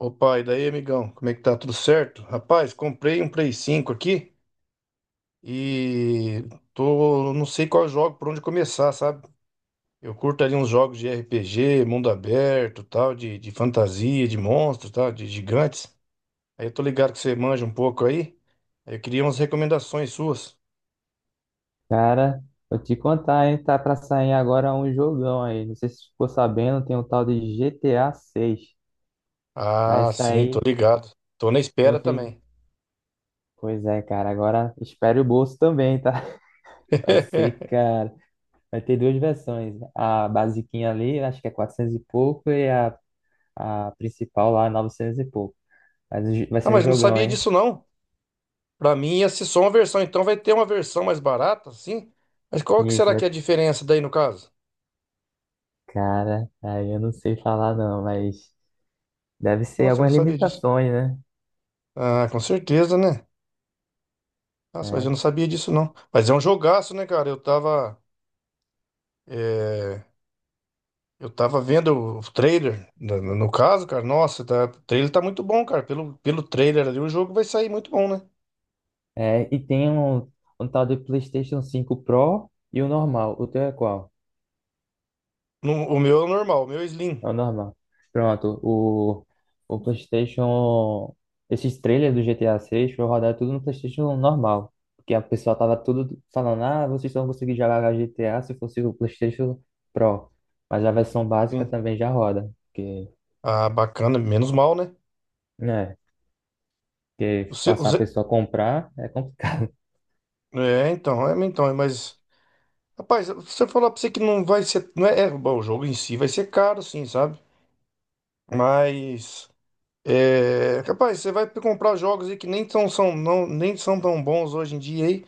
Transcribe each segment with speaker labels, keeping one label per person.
Speaker 1: Opa, e daí, amigão? Como é que tá? Tudo certo? Rapaz, comprei um Play cinco aqui e tô, não sei qual jogo, por onde começar, sabe? Eu curto ali uns jogos de RPG, mundo aberto, tal, de fantasia, de monstros, tal, de gigantes. Aí eu tô ligado que você manja um pouco aí. Aí eu queria umas recomendações suas.
Speaker 2: Cara, vou te contar, hein? Tá pra sair agora um jogão aí. Não sei se você ficou sabendo, tem um tal de GTA 6. Vai
Speaker 1: Ah, sim, tô
Speaker 2: sair
Speaker 1: ligado. Tô na
Speaker 2: no
Speaker 1: espera
Speaker 2: fim.
Speaker 1: também.
Speaker 2: Pois é, cara. Agora espere o bolso também, tá? Vai ser, cara. Vai ter duas versões. A basiquinha ali, acho que é 400 e pouco, e a principal lá, 900 e pouco. Mas o vai
Speaker 1: Ah,
Speaker 2: ser um
Speaker 1: mas não
Speaker 2: jogão,
Speaker 1: sabia
Speaker 2: hein?
Speaker 1: disso não. Pra mim ia ser só uma versão, então vai ter uma versão mais barata, sim. Mas qual que
Speaker 2: Isso,
Speaker 1: será
Speaker 2: vai...
Speaker 1: que é a diferença daí no caso?
Speaker 2: cara. Aí eu não sei falar, não, mas deve ser
Speaker 1: Nossa, eu não
Speaker 2: algumas
Speaker 1: sabia disso.
Speaker 2: limitações, né?
Speaker 1: Ah, com certeza, né? Nossa, mas eu
Speaker 2: É.
Speaker 1: não sabia disso não. Mas é um jogaço, né, cara? Eu tava, é, eu tava vendo o trailer, no caso, cara. Nossa, tá- o trailer tá muito bom, cara. Pelo trailer ali, o jogo vai sair muito bom, né?
Speaker 2: É, e tem um tal de PlayStation cinco Pro e o normal. O teu é qual?
Speaker 1: O meu é normal, o meu é Slim.
Speaker 2: É o normal. Pronto, o PlayStation. Esses trailers do GTA seis foi rodar tudo no PlayStation normal. Porque a pessoa tava tudo falando: ah, vocês só vão conseguir jogar GTA se fosse o PlayStation Pro. Mas a versão básica
Speaker 1: Sim.
Speaker 2: também já roda. Porque,
Speaker 1: Ah, bacana, menos mal, né?
Speaker 2: né? Porque
Speaker 1: O seu, o
Speaker 2: forçar a
Speaker 1: ze-
Speaker 2: pessoa a comprar é complicado.
Speaker 1: É, então, é, então, é, mas. Rapaz, se eu falar pra você que não vai ser. Não é, é, bom, o jogo em si vai ser caro, sim, sabe? Mas. É, rapaz, você vai comprar jogos aí que nem são tão bons hoje em dia aí,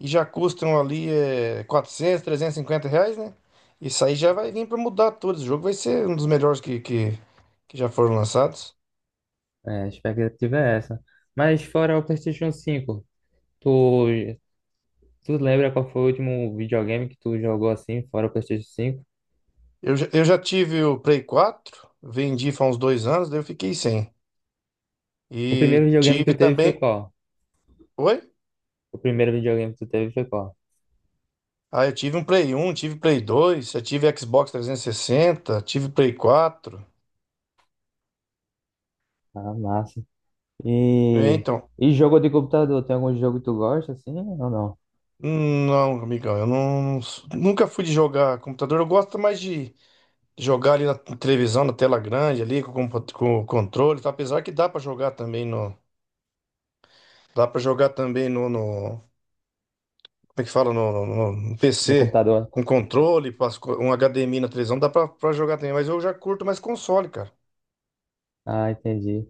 Speaker 1: e já custam ali R$ 400, R$ 350, né? Isso aí já vai vir pra mudar tudo. Esse jogo vai ser um dos melhores que já foram lançados.
Speaker 2: É, a expectativa é essa. Mas fora o PlayStation cinco tu tu lembra qual foi o último videogame que tu jogou assim, fora o PlayStation cinco?
Speaker 1: Eu já tive o Play 4, vendi faz uns dois anos, daí eu fiquei sem.
Speaker 2: O primeiro
Speaker 1: E
Speaker 2: videogame que
Speaker 1: tive
Speaker 2: tu teve foi
Speaker 1: também.
Speaker 2: qual?
Speaker 1: Oi?
Speaker 2: O primeiro videogame que tu teve foi qual?
Speaker 1: Ah, eu tive um Play um, tive Play dois, eu tive Xbox 360, tive Play quatro.
Speaker 2: Ah, massa.
Speaker 1: É,
Speaker 2: E,
Speaker 1: então,
Speaker 2: e jogo de computador? Tem algum jogo que tu gosta assim ou não?
Speaker 1: não, amigão, eu não, nunca fui de jogar computador. Eu gosto mais de jogar ali na televisão, na tela grande, ali com, com o controle, tá? Apesar que dá para jogar também no, como é que fala, no
Speaker 2: No
Speaker 1: PC
Speaker 2: computador?
Speaker 1: com controle, um HDMI na televisão, dá pra jogar também. Mas eu já curto mais console, cara.
Speaker 2: Ah, entendi.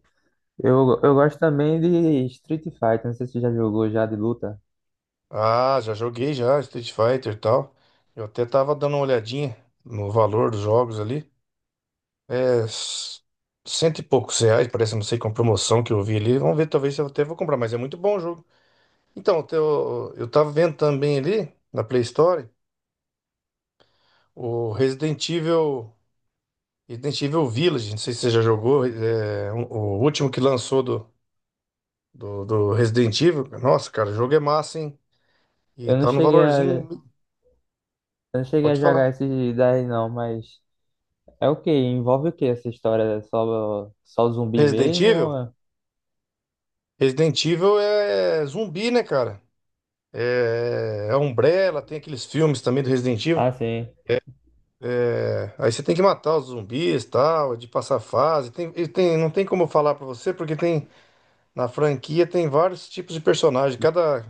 Speaker 2: Eu gosto também de Street Fighter, não sei se tu já jogou já de luta.
Speaker 1: Ah, já joguei já, Street Fighter e tal. Eu até tava dando uma olhadinha no valor dos jogos ali. É s- cento e poucos reais, parece, não sei, com promoção que eu vi ali. Vamos ver, talvez eu até vou comprar, mas é muito bom o jogo. Então, eu tava vendo também ali na Play Store o Resident Evil, Resident Evil Village, não sei se você já jogou, é, o último que lançou do Resident Evil. Nossa, cara, o jogo é massa, hein? E
Speaker 2: Eu não
Speaker 1: tá no
Speaker 2: cheguei a, eu
Speaker 1: valorzinho,
Speaker 2: não cheguei a
Speaker 1: pode falar.
Speaker 2: jogar esse daí não, mas é o quê? Envolve o quê essa história? É só, só zumbi
Speaker 1: Resident
Speaker 2: mesmo?
Speaker 1: Evil?
Speaker 2: Ou é-
Speaker 1: Resident Evil é zumbi, né, cara? É, é Umbrella, tem aqueles filmes também do Resident Evil.
Speaker 2: Ah, sim.
Speaker 1: É, Aí você tem que matar os zumbis, tal, é de passar fase. Não tem como eu falar pra você, porque tem na franquia tem vários tipos de personagem. Cada,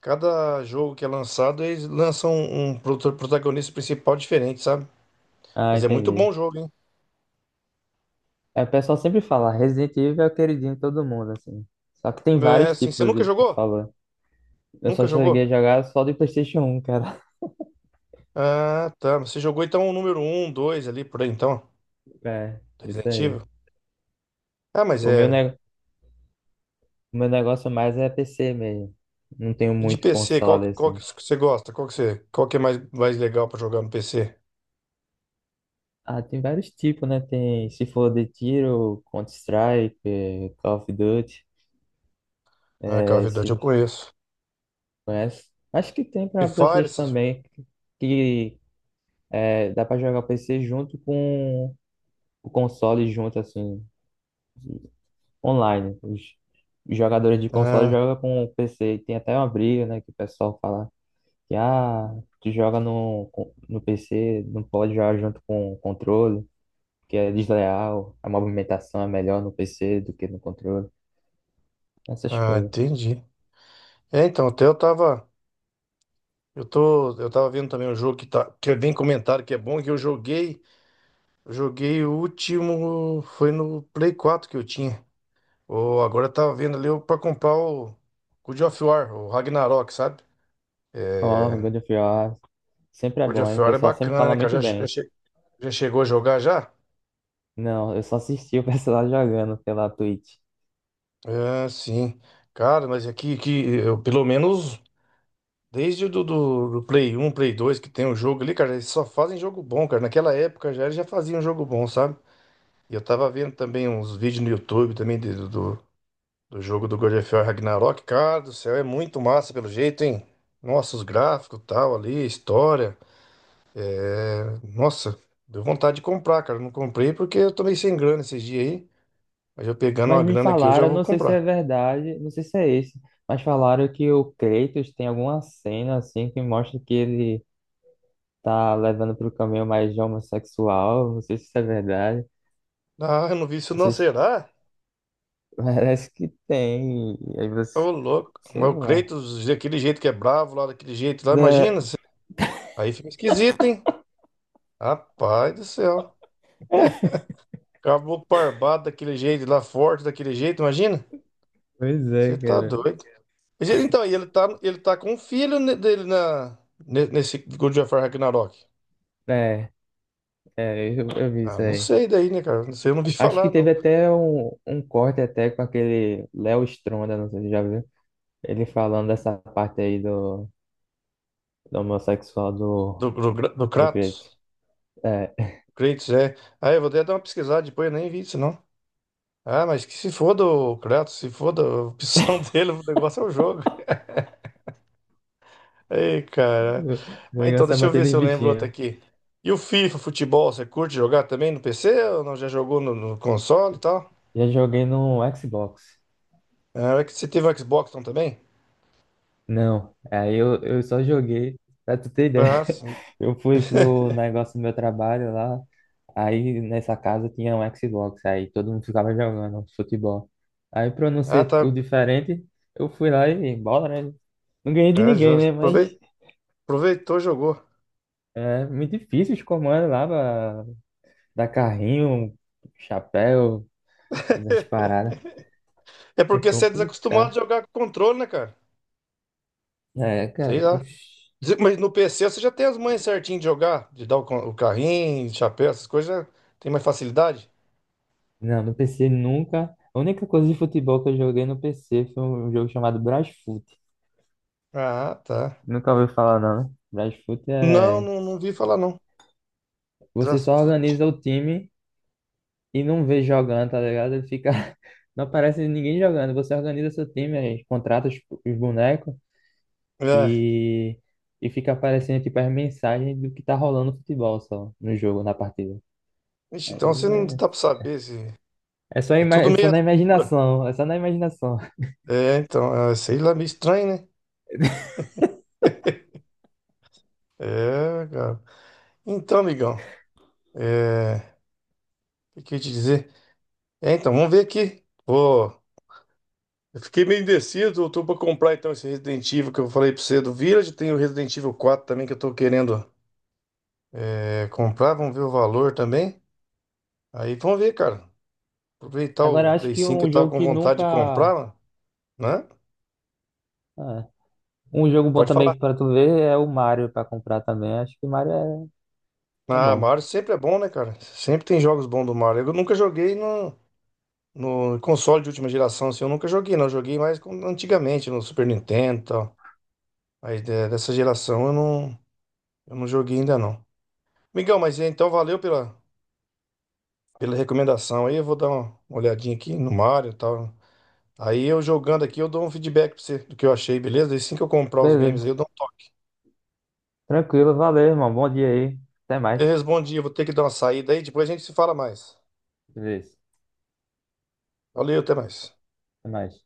Speaker 1: cada jogo que é lançado, eles lançam um, protagonista principal diferente, sabe?
Speaker 2: Ah,
Speaker 1: Mas é muito bom
Speaker 2: entendi.
Speaker 1: o jogo, hein?
Speaker 2: É, o pessoal sempre fala, Resident Evil é o queridinho de todo mundo, assim. Só que tem
Speaker 1: É,
Speaker 2: vários
Speaker 1: assim, você
Speaker 2: tipos
Speaker 1: nunca
Speaker 2: de que tu
Speaker 1: jogou?
Speaker 2: falou. Eu
Speaker 1: Nunca
Speaker 2: só
Speaker 1: jogou?
Speaker 2: cheguei a jogar só de PlayStation um, cara.
Speaker 1: Ah, tá. Mas você jogou então o número um, 2 ali por aí, então,
Speaker 2: É, isso
Speaker 1: Resident
Speaker 2: aí.
Speaker 1: Evil. Ah, mas
Speaker 2: O meu,
Speaker 1: é.
Speaker 2: ne... o meu negócio mais é PC mesmo. Não tenho
Speaker 1: E de
Speaker 2: muito
Speaker 1: PC,
Speaker 2: console,
Speaker 1: qual que
Speaker 2: assim.
Speaker 1: você gosta? Qual que é mais legal pra jogar no PC?
Speaker 2: Ah, tem vários tipos, né? Tem, se for de tiro, Counter-Strike, Call of Duty,
Speaker 1: Ah, Call
Speaker 2: eh,
Speaker 1: of Duty eu
Speaker 2: se
Speaker 1: conheço.
Speaker 2: conhece. Acho que tem
Speaker 1: Free
Speaker 2: pra
Speaker 1: Fire,
Speaker 2: PlayStation
Speaker 1: essas...
Speaker 2: também, que dá pra jogar o PC junto com o console junto, assim, online. Os jogadores de console
Speaker 1: Ah,
Speaker 2: jogam com o PC. Tem até uma briga, né, que o pessoal fala que ah, tu joga no, no PC, não pode jogar junto com o controle, que é desleal, a movimentação é melhor no PC do que no controle, essas
Speaker 1: ah,
Speaker 2: coisas.
Speaker 1: entendi. É, então, até eu tava... eu tava vendo também um jogo que, tá, que vem comentado que é bom, que eu joguei... eu joguei o último... Foi no Play Quatro que eu tinha. Ou agora eu tava vendo ali pra comprar o God of War, o Ragnarok, sabe?
Speaker 2: Ó,
Speaker 1: É,
Speaker 2: God of War sempre é
Speaker 1: God
Speaker 2: bom,
Speaker 1: of
Speaker 2: hein? O
Speaker 1: War é
Speaker 2: pessoal sempre
Speaker 1: bacana,
Speaker 2: fala
Speaker 1: né,
Speaker 2: muito
Speaker 1: cara?
Speaker 2: bem.
Speaker 1: Já chegou a jogar já?
Speaker 2: Não, eu só assisti o pessoal jogando pela Twitch.
Speaker 1: É, sim. Cara, mas aqui, que eu, pelo menos desde o do, do, do Play um, Play dois que tem o jogo ali, cara, eles só fazem jogo bom, cara. Naquela época já eles já faziam jogo bom, sabe? E eu tava vendo também uns vídeos no YouTube também do jogo do God of War Ragnarok. Cara do céu, é muito massa pelo jeito, hein? Nossa, os gráficos tal ali, a história. Nossa, deu vontade de comprar, cara. Não comprei porque eu tô sem grana esses dias aí. Mas eu pegando
Speaker 2: Mas
Speaker 1: uma
Speaker 2: me
Speaker 1: grana aqui, eu já
Speaker 2: falaram,
Speaker 1: vou
Speaker 2: não sei se é
Speaker 1: comprar.
Speaker 2: verdade, não sei se é esse, mas falaram que o Kratos tem alguma cena assim que mostra que ele tá levando pro caminho mais homossexual, não sei se isso é verdade,
Speaker 1: Ah, eu não vi isso
Speaker 2: não
Speaker 1: não,
Speaker 2: sei se
Speaker 1: será?
Speaker 2: parece que tem, aí você,
Speaker 1: Ô, louco.
Speaker 2: sei
Speaker 1: Mas o
Speaker 2: lá.
Speaker 1: Kratos, daquele jeito que é bravo, lá daquele jeito lá,
Speaker 2: É,
Speaker 1: imagina. Aí fica esquisito, hein? Rapaz do céu. Caboclo barbado daquele jeito lá, forte daquele jeito, imagina.
Speaker 2: pois é,
Speaker 1: Você tá
Speaker 2: cara.
Speaker 1: doido. Então, e ele tá com um filho dele na, nesse God of War Ragnarok.
Speaker 2: É, é, eu vi
Speaker 1: Ah,
Speaker 2: isso
Speaker 1: não
Speaker 2: aí.
Speaker 1: sei daí, né, cara? Não sei, eu não vi
Speaker 2: Acho
Speaker 1: falar,
Speaker 2: que teve
Speaker 1: não.
Speaker 2: até um corte até com aquele Léo Stronda, não sei se você já viu, ele falando dessa parte aí do homossexual
Speaker 1: Do
Speaker 2: do
Speaker 1: Kratos.
Speaker 2: Kratos. É,
Speaker 1: Kratos, é. Ah, eu vou até dar uma pesquisada depois, eu nem vi isso, não. Ah, mas que se foda o Kratos, se foda a opção dele, o negócio é o jogo. Ei, cara.
Speaker 2: meu
Speaker 1: Mas então,
Speaker 2: negócio é
Speaker 1: deixa eu ver
Speaker 2: batendo
Speaker 1: se
Speaker 2: em
Speaker 1: eu lembro outro
Speaker 2: bichinho.
Speaker 1: aqui. E o FIFA, futebol, você curte jogar também no PC ou não? Já jogou no console e tal?
Speaker 2: Já joguei no Xbox.
Speaker 1: Ah, é que você teve um Xbox então, também?
Speaker 2: Não, aí eu só joguei, pra tu ter ideia.
Speaker 1: Ah, sim.
Speaker 2: Eu fui pro negócio do meu trabalho lá, aí nessa casa tinha um Xbox, aí todo mundo ficava jogando futebol. Aí pra eu não
Speaker 1: Ah,
Speaker 2: ser o
Speaker 1: tá.
Speaker 2: diferente, eu fui lá e bola, né? Não ganhei de
Speaker 1: É, já
Speaker 2: ninguém, né? Mas
Speaker 1: aprovei- aproveitou, jogou.
Speaker 2: é muito difícil os comandos lá pra dar carrinho, chapéu, fazer as paradas.
Speaker 1: É
Speaker 2: É
Speaker 1: porque você é desacostumado a
Speaker 2: complicado.
Speaker 1: jogar com controle, né, cara?
Speaker 2: É,
Speaker 1: Sei
Speaker 2: cara.
Speaker 1: lá.
Speaker 2: Ixi.
Speaker 1: Mas no PC você já tem as manhas certinho de jogar, de dar o carrinho, chapéu, essas coisas, já tem mais facilidade?
Speaker 2: Não, no PC nunca. A única coisa de futebol que eu joguei no PC foi um jogo chamado Brasfoot.
Speaker 1: Ah, tá.
Speaker 2: Nunca ouviu falar, não, né? Brasfoot
Speaker 1: Não,
Speaker 2: é.
Speaker 1: não, não vi falar, não.
Speaker 2: Você só
Speaker 1: Draft.
Speaker 2: organiza o time e não vê jogando, tá ligado? Ele fica. Não aparece ninguém jogando. Você organiza seu time, aí contrata os bonecos e. E fica aparecendo tipo as mensagens do que tá rolando no futebol só, no jogo, na partida.
Speaker 1: Vixe, então você não
Speaker 2: Aí
Speaker 1: dá pra saber se.
Speaker 2: é, é só,
Speaker 1: É
Speaker 2: ima...
Speaker 1: tudo
Speaker 2: é só
Speaker 1: meio
Speaker 2: na
Speaker 1: assinatura.
Speaker 2: imaginação, é só na imaginação.
Speaker 1: É, então, é, sei lá, meio estranho, né? É, cara. Então, amigão, é. O que eu ia te dizer? É, então, vamos ver aqui. Pô, eu fiquei meio indeciso. Eu tô pra comprar então esse Resident Evil que eu falei pra você do Village. Tem o Resident Evil 4 também que eu tô querendo comprar. Vamos ver o valor também. Aí vamos ver, cara. Aproveitar
Speaker 2: Agora eu
Speaker 1: o
Speaker 2: acho
Speaker 1: Play
Speaker 2: que
Speaker 1: cinco que eu
Speaker 2: um
Speaker 1: tava
Speaker 2: jogo
Speaker 1: com
Speaker 2: que
Speaker 1: vontade de
Speaker 2: nunca.
Speaker 1: comprar, né?
Speaker 2: ah, Um jogo bom
Speaker 1: Pode falar.
Speaker 2: também pra tu ver é o Mario pra comprar também. Acho que o Mario é, é
Speaker 1: Ah,
Speaker 2: bom.
Speaker 1: Mario sempre é bom, né, cara? Sempre tem jogos bons do Mario. Eu nunca joguei no console de última geração, assim, eu nunca joguei, não. Eu joguei mais antigamente, no Super Nintendo e tal. Dessa geração eu não joguei ainda, não. Migão, mas é, então valeu pela recomendação aí. Eu vou dar uma olhadinha aqui no Mario e tal. Aí eu jogando aqui, eu dou um feedback pra você do que eu achei, beleza? E assim que eu comprar os games aí, eu
Speaker 2: Beleza.
Speaker 1: dou um toque.
Speaker 2: Tranquilo, valeu, irmão. Bom dia aí. Até
Speaker 1: Eu
Speaker 2: mais.
Speaker 1: respondi, eu vou ter que dar uma saída aí, depois a gente se fala mais.
Speaker 2: Beleza.
Speaker 1: Valeu, até mais.
Speaker 2: Até mais.